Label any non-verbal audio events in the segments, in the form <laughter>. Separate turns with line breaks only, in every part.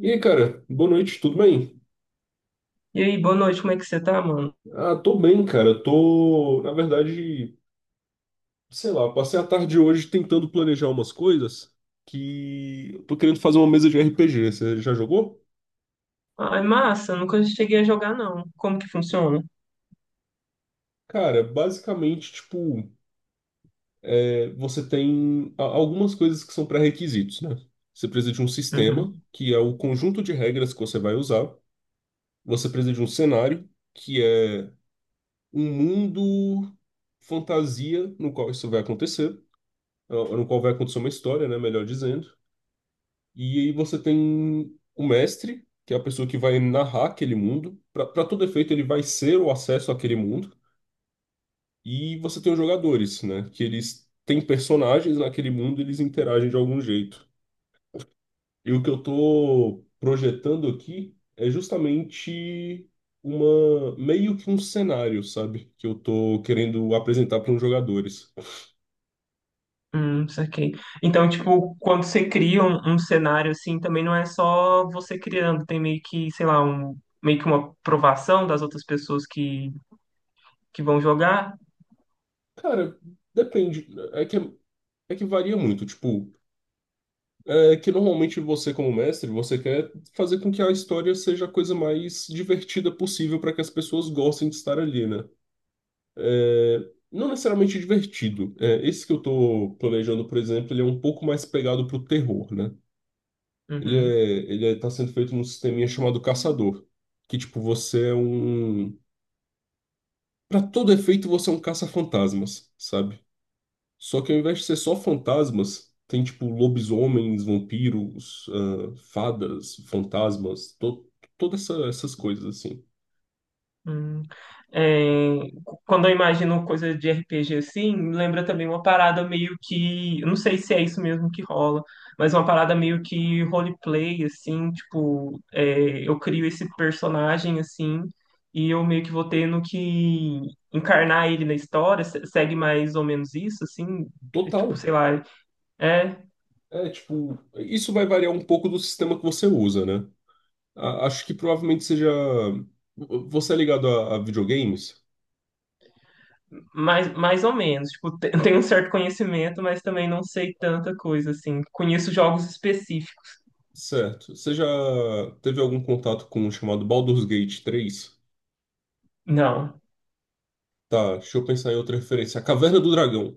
E aí, cara, boa noite, tudo bem?
E aí, boa noite, como é que você tá, mano?
Ah, tô bem, cara. Tô, na verdade, sei lá, passei a tarde hoje tentando planejar umas coisas que eu tô querendo fazer uma mesa de RPG. Você já jogou?
Ai, massa, nunca cheguei a jogar, não. Como que funciona?
Cara, basicamente, tipo, você tem algumas coisas que são pré-requisitos, né? Você precisa de um sistema,
Uhum.
que é o conjunto de regras que você vai usar. Você precisa de um cenário, que é um mundo fantasia no qual isso vai acontecer. No qual vai acontecer uma história, né, melhor dizendo. E aí você tem o mestre, que é a pessoa que vai narrar aquele mundo. Para todo efeito, ele vai ser o acesso àquele mundo. E você tem os jogadores, né, que eles têm personagens naquele mundo, e eles interagem de algum jeito. E o que eu tô projetando aqui é justamente uma meio que um cenário, sabe, que eu tô querendo apresentar para os jogadores.
Saquei. Então, tipo, quando você cria um cenário assim, também não é só você criando, tem meio que, sei lá, um, meio que uma aprovação das outras pessoas que vão jogar.
Cara, depende, é que é é que varia muito, tipo. É que normalmente você, como mestre, você quer fazer com que a história seja a coisa mais divertida possível para que as pessoas gostem de estar ali, né? É, não necessariamente divertido. É, esse que eu tô planejando, por exemplo, ele é um pouco mais pegado pro terror, né? Ele
Uhum.
é, ele é, tá sendo feito num sisteminha chamado Caçador, que tipo, você é um... Para todo efeito, você é um caça-fantasmas, sabe? Só que ao invés de ser só fantasmas, tem tipo lobisomens, vampiros, ah, fadas, fantasmas, to todas essas coisas assim.
Hum, é, quando eu imagino coisa de RPG assim, me lembra também uma parada meio que, eu não sei se é isso mesmo que rola, mas uma parada meio que roleplay assim, tipo, é, eu crio esse personagem assim e eu meio que vou tendo que encarnar ele na história, segue mais ou menos isso assim, é, tipo,
Total.
sei lá, é
É tipo, isso vai variar um pouco do sistema que você usa, né? A acho que provavelmente seja. Você é ligado a videogames?
mais ou menos, tipo, <laughs> tenho um certo conhecimento, mas também não sei tanta coisa assim. Conheço jogos específicos.
Certo. Você já teve algum contato com o chamado Baldur's Gate 3?
Não.
Tá, deixa eu pensar em outra referência. A Caverna do Dragão.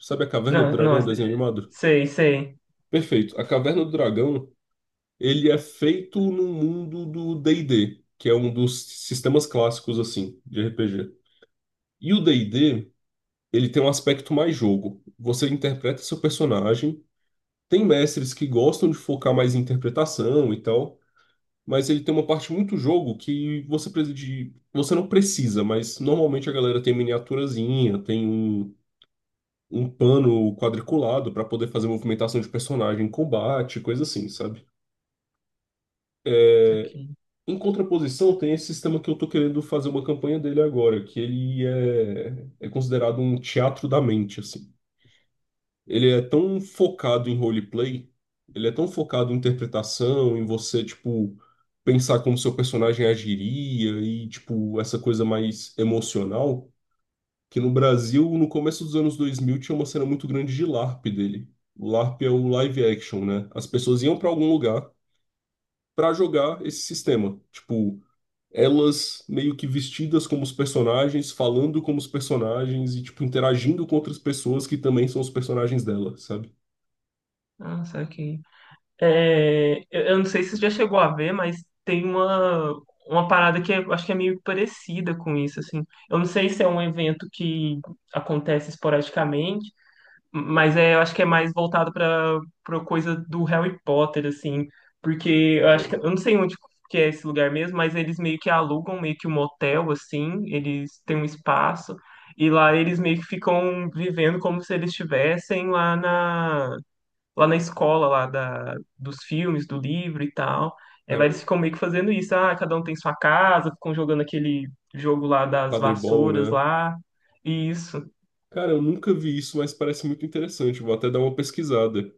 Sabe a Caverna do
Não, não,
Dragão, desenho animado?
sei, sei.
Perfeito. A Caverna do Dragão. Ele é feito no mundo do D&D, que é um dos sistemas clássicos assim de RPG. E o D&D, ele tem um aspecto mais jogo. Você interpreta seu personagem. Tem mestres que gostam de focar mais em interpretação e tal, mas ele tem uma parte muito jogo que você precisa de, você não precisa, mas normalmente a galera tem miniaturazinha, tem um pano quadriculado para poder fazer movimentação de personagem, em combate, coisa assim, sabe?
Tá aqui.
Em contraposição, tem esse sistema que eu tô querendo fazer uma campanha dele agora, que é considerado um teatro da mente, assim. Ele é tão focado em roleplay, ele é tão focado em interpretação, em você, tipo, pensar como seu personagem agiria e, tipo, essa coisa mais emocional, que no Brasil, no começo dos anos 2000 tinha uma cena muito grande de LARP dele. O LARP é o live action, né? As pessoas iam pra algum lugar pra jogar esse sistema. Tipo, elas meio que vestidas como os personagens, falando como os personagens e, tipo, interagindo com outras pessoas que também são os personagens dela, sabe?
Nossa, aqui. É, eu não sei se você já chegou a ver, mas tem uma parada que eu acho que é meio parecida com isso, assim. Eu não sei se é um evento que acontece esporadicamente, mas é, eu acho que é mais voltado para coisa do Harry Potter, assim, porque eu acho que eu não sei onde que é esse lugar mesmo, mas eles meio que alugam meio que um hotel, assim, eles têm um espaço e lá eles meio que ficam vivendo como se eles estivessem lá na escola lá dos filmes, do livro e tal. É,
Cara,
mas eles
eu-
ficam meio que fazendo isso, ah, cada um tem sua casa, ficam jogando aquele jogo lá das
Quadribol,
vassouras
né?
lá, e isso.
Cara, eu nunca vi isso, mas parece muito interessante. Vou até dar uma pesquisada.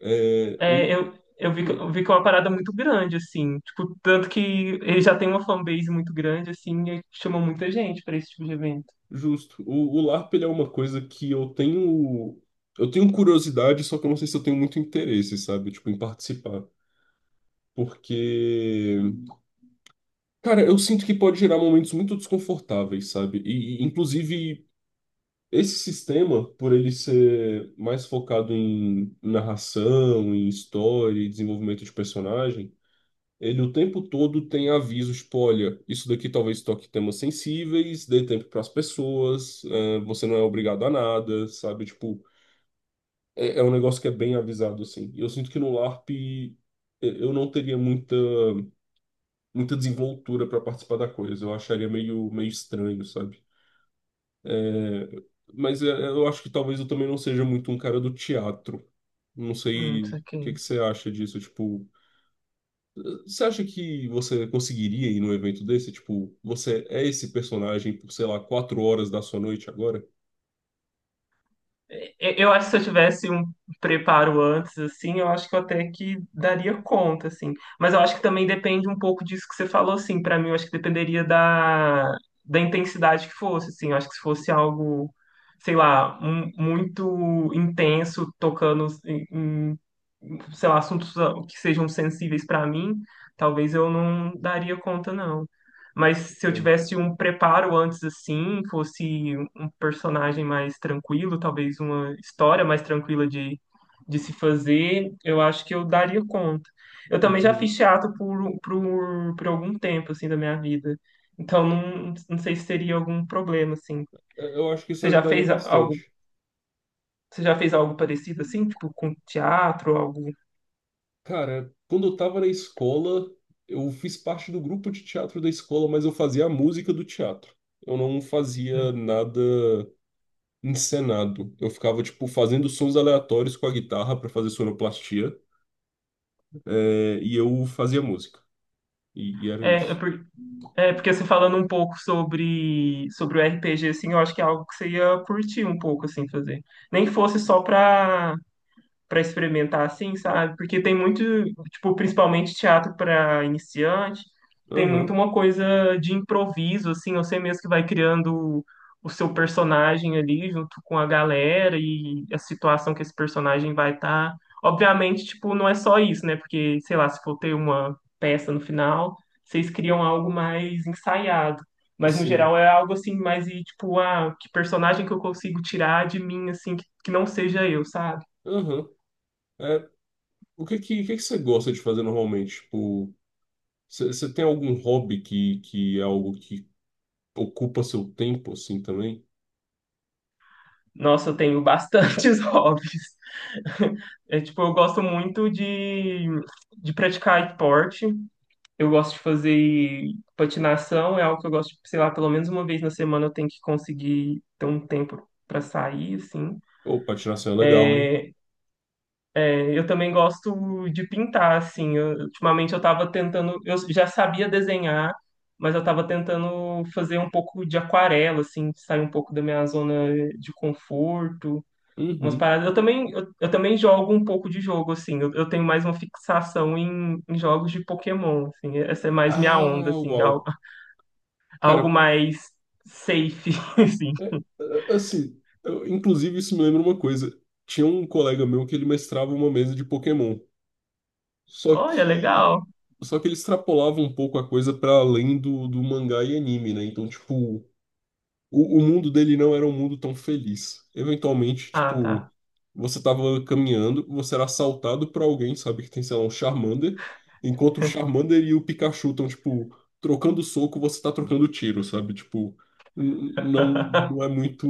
É,
É, eu vi,
hum,
eu vi que é uma parada muito grande, assim. Tipo, tanto que ele já tem uma fanbase muito grande, assim, e chama muita gente pra esse tipo de evento.
justo. O LARP, ele é uma coisa que eu tenho... Eu tenho curiosidade, só que eu não sei se eu tenho muito interesse, sabe? Tipo, em participar. Porque... Cara, eu sinto que pode gerar momentos muito desconfortáveis, sabe? E, inclusive, esse sistema, por ele ser mais focado em narração, em história e desenvolvimento de personagem, ele o tempo todo tem avisos, tipo, olha, isso daqui talvez toque temas sensíveis, dê tempo para as pessoas, você não é obrigado a nada, sabe? Tipo, é um negócio que é bem avisado, assim. E eu sinto que no LARP eu não teria muita, muita desenvoltura para participar da coisa, eu acharia meio, meio estranho, sabe? É, mas eu acho que talvez eu também não seja muito um cara do teatro. Não sei
Isso
o que que
aqui.
você acha disso. Tipo, você acha que você conseguiria ir num evento desse? Tipo, você é esse personagem por, sei lá, 4 horas da sua noite agora?
Eu acho que se eu tivesse um preparo antes, assim, eu acho que eu até que daria conta, assim. Mas eu acho que também depende um pouco disso que você falou, assim. Pra mim, eu acho que dependeria da intensidade que fosse, assim. Eu acho que se fosse algo, sei lá, muito intenso, tocando em, sei lá, assuntos que sejam sensíveis pra mim, talvez eu não daria conta, não. Mas se eu
Pô,
tivesse um preparo antes, assim, fosse personagem mais tranquilo, talvez uma história mais tranquila de se fazer, eu acho que eu daria conta. Eu também já
entendo.
fiz teatro por algum tempo, assim, da minha vida. Então, não sei se seria algum problema, assim.
É, eu acho que isso
Você já
ajudaria
fez algo,
bastante.
você já fez algo parecido, assim, tipo, com teatro, algo...
Cara, quando eu tava na escola, eu fiz parte do grupo de teatro da escola, mas eu fazia a música do teatro. Eu não fazia nada encenado. Eu ficava, tipo, fazendo sons aleatórios com a guitarra para fazer sonoplastia, e eu fazia música. E era
É,
isso.
é, porque você falando um pouco sobre, sobre o RPG, assim, eu acho que é algo que você ia curtir um pouco, assim, fazer. Nem que fosse só pra para experimentar assim, sabe? Porque tem muito, tipo, principalmente teatro para iniciante, tem muito
Aham,
uma coisa de improviso, assim, você mesmo que vai criando o seu personagem ali junto com a galera e a situação que esse personagem vai estar. Obviamente, tipo, não é só isso, né? Porque, sei lá, se for ter uma peça no final, vocês criam algo mais ensaiado. Mas no
sim.
geral é algo assim, mais e tipo, ah, que personagem que eu consigo tirar de mim, assim, que não seja eu, sabe?
Aham. É, o que que você gosta de fazer normalmente? Tipo, você tem algum hobby que é algo que ocupa seu tempo, assim, também?
Nossa, eu tenho bastantes <laughs> hobbies. É, tipo, eu gosto muito de praticar esporte. Eu gosto de fazer patinação, é algo que eu gosto, sei lá, pelo menos uma vez na semana eu tenho que conseguir ter um tempo para sair, assim.
Ou patinação é legal, hein?
É, eu também gosto de pintar, assim. Ultimamente eu tava tentando, eu já sabia desenhar, mas eu tava tentando fazer um pouco de aquarela, assim, sair um pouco da minha zona de conforto. Umas
Uhum.
paradas. Eu também, eu também jogo um pouco de jogo, assim. Eu tenho mais uma fixação em jogos de Pokémon, assim. Essa é mais minha onda,
Ah,
assim. Algo,
uau.
algo
Cara,
mais safe, <laughs> assim.
é, assim, inclusive isso me lembra uma coisa. Tinha um colega meu que ele mestrava uma mesa de Pokémon. Só
Olha,
que
legal.
só que ele extrapolava um pouco a coisa para além do, do mangá e anime, né? Então, tipo, o mundo dele não era um mundo tão feliz. Eventualmente,
Ah, tá.
tipo, você tava caminhando, você era assaltado por alguém, sabe, que tem, sei lá, um Charmander, enquanto o Charmander e o Pikachu estão, tipo, trocando soco, você tá trocando tiro, sabe? Tipo, não, não é
<laughs>
muito.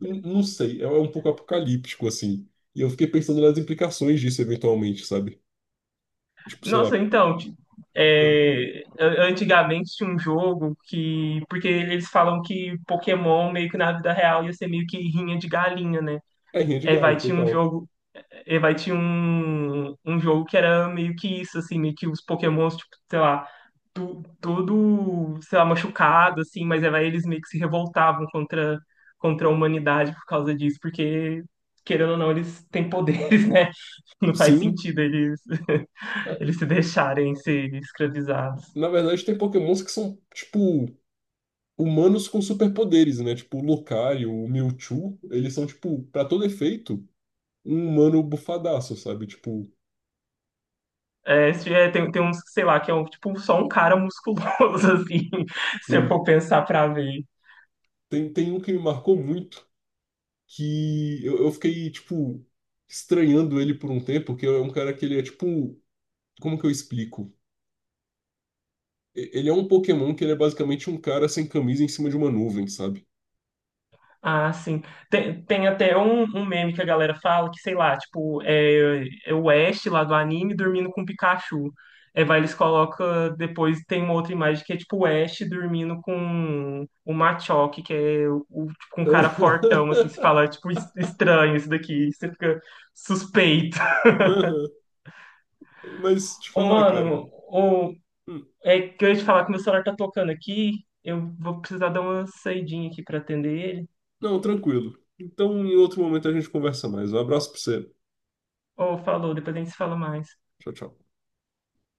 Não sei, é um pouco apocalíptico, assim. E eu fiquei pensando nas implicações disso eventualmente, sabe? Tipo, sei lá.
Nossa, então, é, antigamente tinha um jogo que, porque eles falam que Pokémon meio que na vida real ia ser meio que rinha de galinha, né?
É rinha de
É, vai,
galo,
tinha um
total.
jogo e vai tinha um jogo que era meio que isso, assim, meio que os Pokémons, tipo, sei lá, todo, sei lá, machucado, assim, mas aí vai, eles meio que se revoltavam contra a humanidade por causa disso, porque, querendo ou não, eles têm poderes, <laughs> né? Não faz
Sim.
sentido eles, <laughs>
é,
eles se deixarem ser escravizados.
Na verdade, tem Pokémons que são, tipo, humanos com superpoderes, né? Tipo, o Lucario, o Mewtwo, eles são, tipo, pra todo efeito, um humano bufadaço, sabe? Tipo,
É, é, tem, tem uns, sei lá, que é um, tipo só um cara musculoso, <laughs> assim, se eu
tem,
for pensar pra ver.
tem um que me marcou muito, que eu fiquei, tipo, estranhando ele por um tempo, que é um cara que ele é, tipo, como que eu explico? Ele é um Pokémon que ele é basicamente um cara sem camisa em cima de uma nuvem, sabe?
Ah, sim. Tem, tem até um meme que a galera fala que, sei lá, tipo, é, é o Ash lá do anime dormindo com o Pikachu. É, vai, eles colocam, depois tem uma outra imagem que é tipo o Ash dormindo com o Machoke, que é tipo, um cara fortão, assim, se fala,
<laughs>
tipo, estranho isso daqui, você fica suspeito. <laughs>
Aham. Mas te
Ô,
falar, cara.
mano, o,
Hum,
é que eu ia te falar que meu celular tá tocando aqui, eu vou precisar dar uma saidinha aqui pra atender ele.
Não, tranquilo. Então, em outro momento a gente conversa mais. Um abraço pra você.
Ou falou, depois a gente se fala mais.
Tchau, tchau.